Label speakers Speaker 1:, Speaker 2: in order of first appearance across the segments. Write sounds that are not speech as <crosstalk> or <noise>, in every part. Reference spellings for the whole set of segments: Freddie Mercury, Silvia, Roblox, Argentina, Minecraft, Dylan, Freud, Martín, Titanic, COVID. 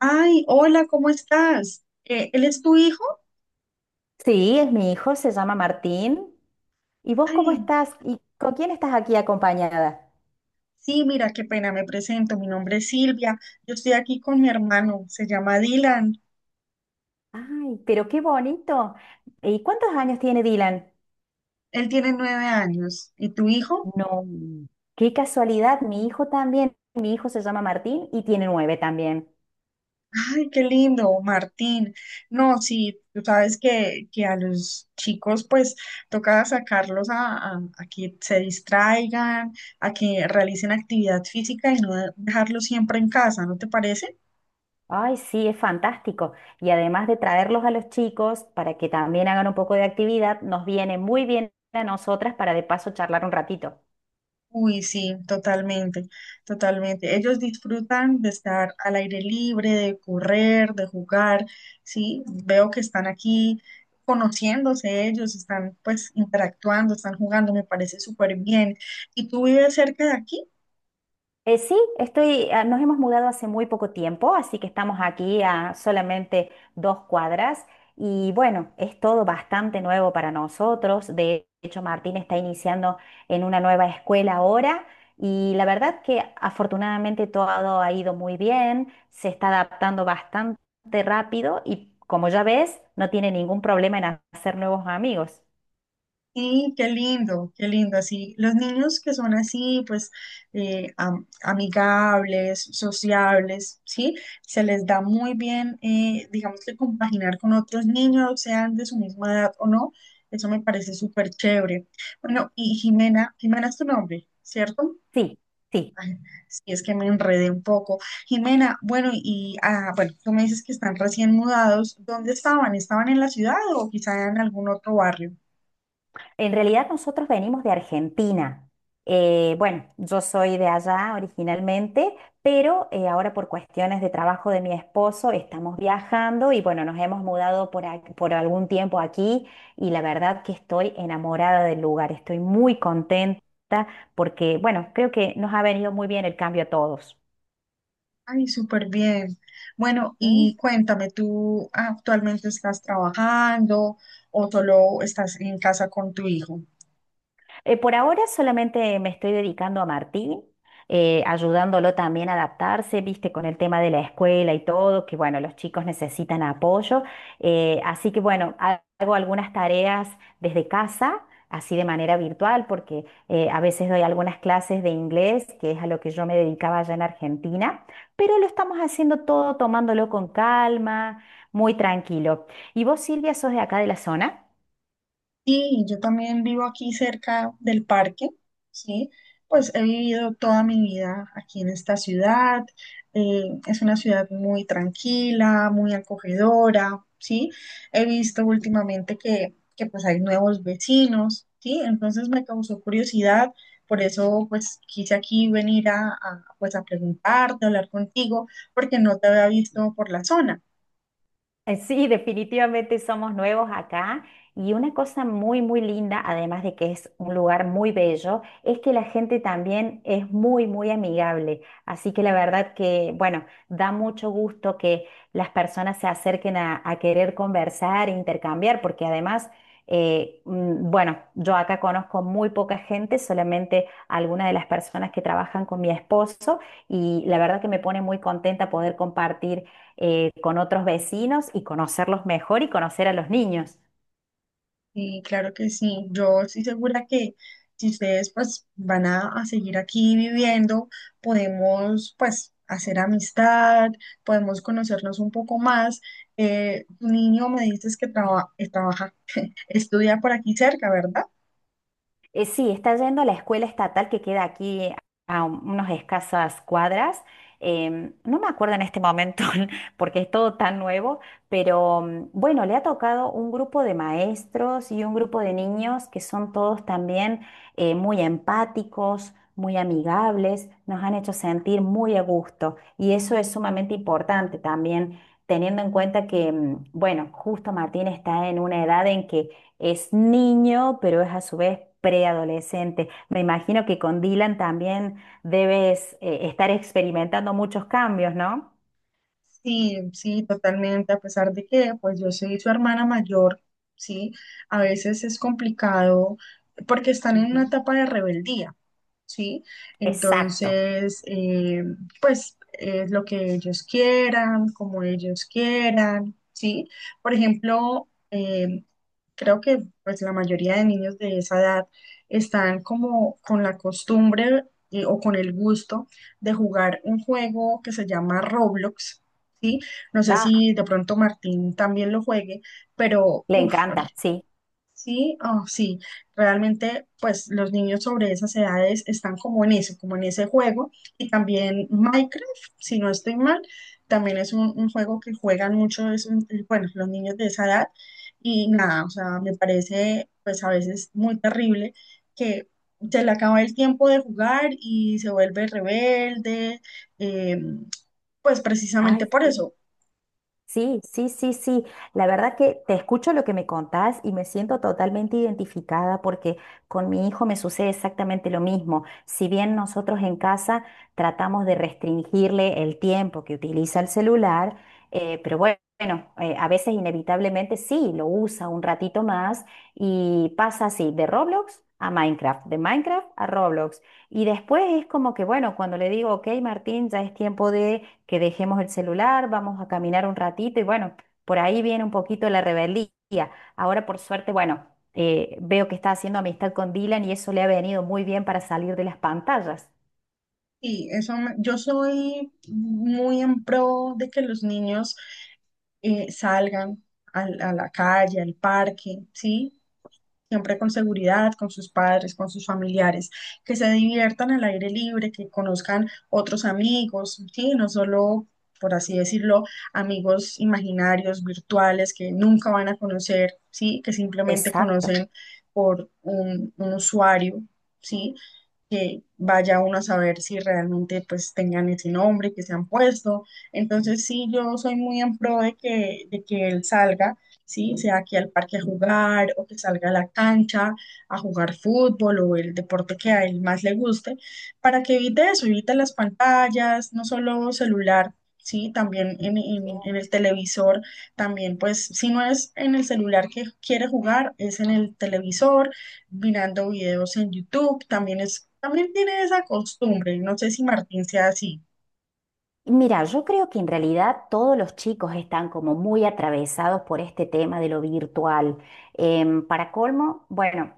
Speaker 1: Ay, hola, ¿cómo estás? ¿Él es tu hijo?
Speaker 2: Sí, es mi hijo, se llama Martín. ¿Y vos cómo
Speaker 1: Ay,
Speaker 2: estás? ¿Y con quién estás aquí acompañada?
Speaker 1: sí, mira, qué pena, me presento. Mi nombre es Silvia. Yo estoy aquí con mi hermano, se llama Dylan.
Speaker 2: Ay, pero qué bonito. ¿Y cuántos años tiene Dylan?
Speaker 1: Él tiene 9 años. ¿Y tu hijo?
Speaker 2: No, qué casualidad, mi hijo también. Mi hijo se llama Martín y tiene 9 también.
Speaker 1: Ay, qué lindo, Martín. No, sí, tú sabes que a los chicos pues toca sacarlos a que se distraigan, a que realicen actividad física y no dejarlos siempre en casa, ¿no te parece?
Speaker 2: Ay, sí, es fantástico. Y además de traerlos a los chicos para que también hagan un poco de actividad, nos viene muy bien a nosotras para de paso charlar un ratito.
Speaker 1: Uy, sí, totalmente, totalmente. Ellos disfrutan de estar al aire libre, de correr, de jugar, sí. Veo que están aquí conociéndose ellos, están pues interactuando, están jugando, me parece súper bien. ¿Y tú vives cerca de aquí?
Speaker 2: Sí, estoy, ah, nos hemos mudado hace muy poco tiempo, así que estamos aquí a solamente 2 cuadras y bueno, es todo bastante nuevo para nosotros. De hecho, Martín está iniciando en una nueva escuela ahora y la verdad que afortunadamente todo ha ido muy bien, se está adaptando bastante rápido y como ya ves, no tiene ningún problema en hacer nuevos amigos.
Speaker 1: Sí, qué lindo, qué lindo. Así, los niños que son así, pues amigables, sociables, ¿sí? Se les da muy bien, digamos que compaginar con otros niños, sean de su misma edad o no. Eso me parece súper chévere. Bueno, y Jimena, Jimena es tu nombre, ¿cierto?
Speaker 2: Sí, sí.
Speaker 1: Ay, sí, es que me enredé un poco. Jimena, bueno, y bueno, tú me dices que están recién mudados. ¿Dónde estaban? ¿Estaban en la ciudad o quizá en algún otro barrio?
Speaker 2: En realidad nosotros venimos de Argentina. Bueno, yo soy de allá originalmente, pero ahora por cuestiones de trabajo de mi esposo estamos viajando y bueno, nos hemos mudado por, por algún tiempo aquí y la verdad que estoy enamorada del lugar, estoy muy contenta porque bueno, creo que nos ha venido muy bien el cambio a todos.
Speaker 1: Ay, súper bien. Bueno,
Speaker 2: ¿Sí?
Speaker 1: y cuéntame, ¿tú actualmente estás trabajando o solo estás en casa con tu hijo?
Speaker 2: Por ahora solamente me estoy dedicando a Martín, ayudándolo también a adaptarse, viste, con el tema de la escuela y todo, que bueno, los chicos necesitan apoyo. Así que bueno, hago algunas tareas desde casa, así de manera virtual, porque a veces doy algunas clases de inglés, que es a lo que yo me dedicaba allá en Argentina, pero lo estamos haciendo todo tomándolo con calma, muy tranquilo. ¿Y vos, Silvia, sos de acá de la zona?
Speaker 1: Sí, yo también vivo aquí cerca del parque, ¿sí? Pues he vivido toda mi vida aquí en esta ciudad. Eh, es una ciudad muy tranquila, muy acogedora, ¿sí? He visto últimamente que pues hay nuevos vecinos, ¿sí? Entonces me causó curiosidad, por eso pues quise aquí venir pues a preguntarte, a hablar contigo, porque no te había visto por la zona.
Speaker 2: Sí, definitivamente somos nuevos acá y una cosa muy, muy linda, además de que es un lugar muy bello, es que la gente también es muy, muy amigable. Así que la verdad que, bueno, da mucho gusto que las personas se acerquen a querer conversar, intercambiar, porque además, bueno, yo acá conozco muy poca gente, solamente algunas de las personas que trabajan con mi esposo y la verdad que me pone muy contenta poder compartir con otros vecinos y conocerlos mejor y conocer a los niños.
Speaker 1: Sí, claro que sí. Yo estoy segura que si ustedes pues van a seguir aquí viviendo, podemos pues hacer amistad, podemos conocernos un poco más. Tu niño me dices que trabaja, <laughs> estudia por aquí cerca, ¿verdad?
Speaker 2: Sí, está yendo a la escuela estatal que queda aquí a unas escasas cuadras. No me acuerdo en este momento <laughs> porque es todo tan nuevo, pero bueno, le ha tocado un grupo de maestros y un grupo de niños que son todos también muy empáticos, muy amigables, nos han hecho sentir muy a gusto y eso es sumamente importante también. Teniendo en cuenta que, bueno, justo Martín está en una edad en que es niño, pero es a su vez preadolescente. Me imagino que con Dylan también debes estar experimentando muchos cambios, ¿no?
Speaker 1: Sí, sí, totalmente, a pesar de que pues yo soy su hermana mayor, sí, a veces es complicado porque están en una
Speaker 2: Ujú.
Speaker 1: etapa de rebeldía, sí,
Speaker 2: Exacto.
Speaker 1: entonces pues es lo que ellos quieran, como ellos quieran, sí, por ejemplo, creo que pues la mayoría de niños de esa edad están como con la costumbre o con el gusto de jugar un juego que se llama Roblox. ¿Sí? No sé
Speaker 2: Ah,
Speaker 1: si de pronto Martín también lo juegue, pero
Speaker 2: le
Speaker 1: uff,
Speaker 2: encanta, sí.
Speaker 1: sí, oh, sí, realmente pues los niños sobre esas edades están como en eso, como en ese juego. Y también Minecraft, si no estoy mal, también es un juego que juegan mucho, es bueno, los niños de esa edad. Y nada, o sea, me parece pues a veces muy terrible que… Se le acaba el tiempo de jugar y se vuelve rebelde, eh, pues
Speaker 2: Ay,
Speaker 1: precisamente por
Speaker 2: sí.
Speaker 1: eso.
Speaker 2: Sí, sí, sí, sí. La verdad que te escucho lo que me contás y me siento totalmente identificada porque con mi hijo me sucede exactamente lo mismo. Si bien nosotros en casa tratamos de restringirle el tiempo que utiliza el celular, pero bueno, a veces inevitablemente sí, lo usa un ratito más y pasa así, de Roblox a Minecraft, de Minecraft a Roblox. Y después es como que, bueno, cuando le digo, ok, Martín, ya es tiempo de que dejemos el celular, vamos a caminar un ratito y bueno, por ahí viene un poquito la rebeldía. Ahora por suerte, bueno, veo que está haciendo amistad con Dylan y eso le ha venido muy bien para salir de las pantallas.
Speaker 1: Sí, eso yo soy muy en pro de que los niños salgan la calle, al parque, ¿sí? Siempre con seguridad, con sus padres, con sus familiares, que se diviertan al aire libre, que conozcan otros amigos, ¿sí? No solo, por así decirlo, amigos imaginarios, virtuales, que nunca van a conocer, ¿sí? Que simplemente
Speaker 2: Exacto.
Speaker 1: conocen por un usuario, ¿sí? Que vaya uno a saber si realmente pues tengan ese nombre que se han puesto. Entonces sí, yo soy muy en pro de que, él salga, sí, sea aquí al parque a jugar o que salga a la cancha a jugar fútbol o el deporte que a él más le guste, para que evite eso, evite las pantallas, no solo celular. Sí, también en el televisor, también pues si no es en el celular que quiere jugar, es en el televisor mirando videos en YouTube, también es, también tiene esa costumbre, no sé si Martín sea así.
Speaker 2: Mira, yo creo que en realidad todos los chicos están como muy atravesados por este tema de lo virtual. Para colmo, bueno,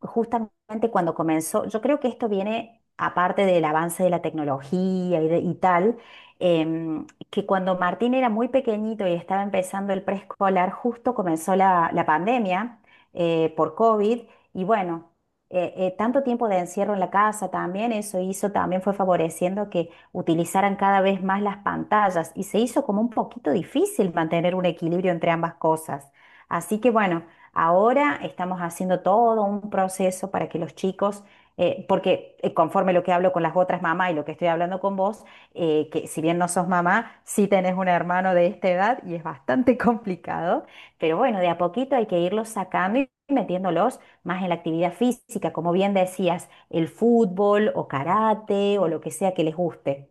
Speaker 2: justamente cuando comenzó, yo creo que esto viene aparte del avance de la tecnología y, y tal, que cuando Martín era muy pequeñito y estaba empezando el preescolar, justo comenzó la pandemia por COVID y bueno. Tanto tiempo de encierro en la casa también, eso hizo, también fue favoreciendo que utilizaran cada vez más las pantallas y se hizo como un poquito difícil mantener un equilibrio entre ambas cosas. Así que bueno, ahora estamos haciendo todo un proceso para que los chicos, porque, conforme lo que hablo con las otras mamás y lo que estoy hablando con vos, que si bien no sos mamá, sí tenés un hermano de esta edad y es bastante <laughs> complicado, pero bueno, de a poquito hay que irlos sacando y metiéndolos más en la actividad física, como bien decías, el fútbol o karate o lo que sea que les guste.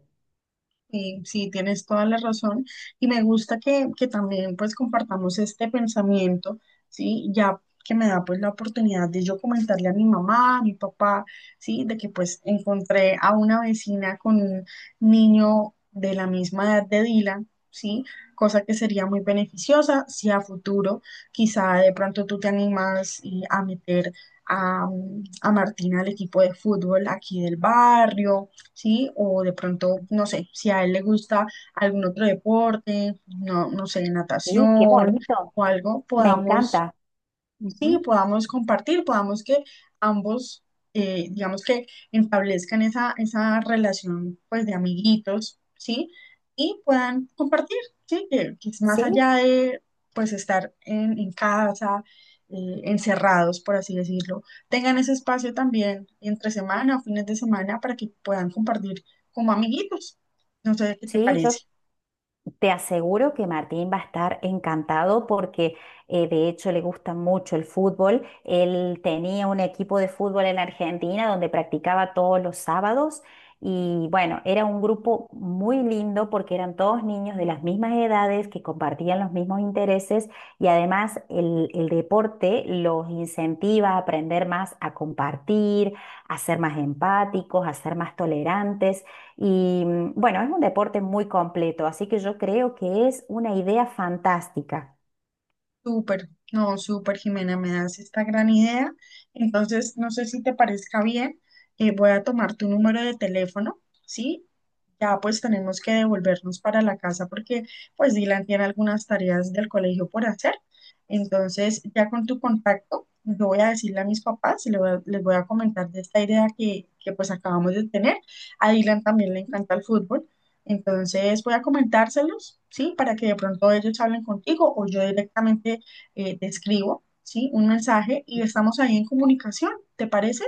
Speaker 1: Sí, sí, tienes toda la razón. Y me gusta que también pues compartamos este pensamiento, ¿sí? Ya que me da pues la oportunidad de yo comentarle a mi mamá, a mi papá, ¿sí? De que pues encontré a una vecina con un niño de la misma edad de Dylan, ¿sí? Cosa que sería muy beneficiosa si a futuro quizá de pronto tú te animas y a meter a, a Martina al equipo de fútbol aquí del barrio, ¿sí? O de pronto, no sé, si a él le gusta algún otro deporte, no, no sé,
Speaker 2: Sí, qué
Speaker 1: natación
Speaker 2: bonito,
Speaker 1: o algo,
Speaker 2: me
Speaker 1: podamos…
Speaker 2: encanta.
Speaker 1: Sí,
Speaker 2: Ujú.
Speaker 1: podamos compartir, podamos que ambos, digamos que establezcan esa relación pues de amiguitos, ¿sí? Y puedan compartir, ¿sí? Que es más
Speaker 2: Sí,
Speaker 1: allá de pues estar en casa, encerrados, por así decirlo, tengan ese espacio también entre semana o fines de semana para que puedan compartir como amiguitos. No sé qué te
Speaker 2: sí, yo
Speaker 1: parece.
Speaker 2: te aseguro que Martín va a estar encantado porque de hecho le gusta mucho el fútbol. Él tenía un equipo de fútbol en Argentina donde practicaba todos los sábados y bueno, era un grupo muy lindo porque eran todos niños de las mismas edades que compartían los mismos intereses y además el deporte los incentiva a aprender más a compartir, a ser más empáticos, a ser más tolerantes. Y bueno, es un deporte muy completo, así que yo creo que es una idea fantástica.
Speaker 1: Súper, no, súper, Jimena, me das esta gran idea. Entonces, no sé si te parezca bien, voy a tomar tu número de teléfono, ¿sí? Ya pues tenemos que devolvernos para la casa porque pues Dylan tiene algunas tareas del colegio por hacer. Entonces, ya con tu contacto, yo voy a decirle a mis papás y les voy a comentar de esta idea que pues acabamos de tener. A Dylan también le encanta el fútbol. Entonces voy a comentárselos, ¿sí? Para que de pronto ellos hablen contigo o yo directamente te escribo, ¿sí? Un mensaje y estamos ahí en comunicación, ¿te parece?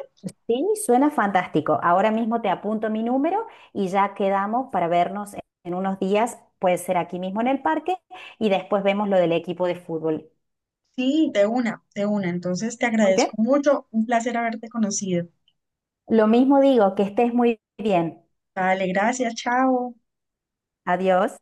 Speaker 2: Sí, suena fantástico. Ahora mismo te apunto mi número y ya quedamos para vernos en unos días. Puede ser aquí mismo en el parque y después vemos lo del equipo de fútbol.
Speaker 1: Sí, de una, de una. Entonces te
Speaker 2: Muy bien.
Speaker 1: agradezco mucho, un placer haberte conocido.
Speaker 2: Lo mismo digo, que estés muy bien.
Speaker 1: Dale, gracias, chao.
Speaker 2: Adiós.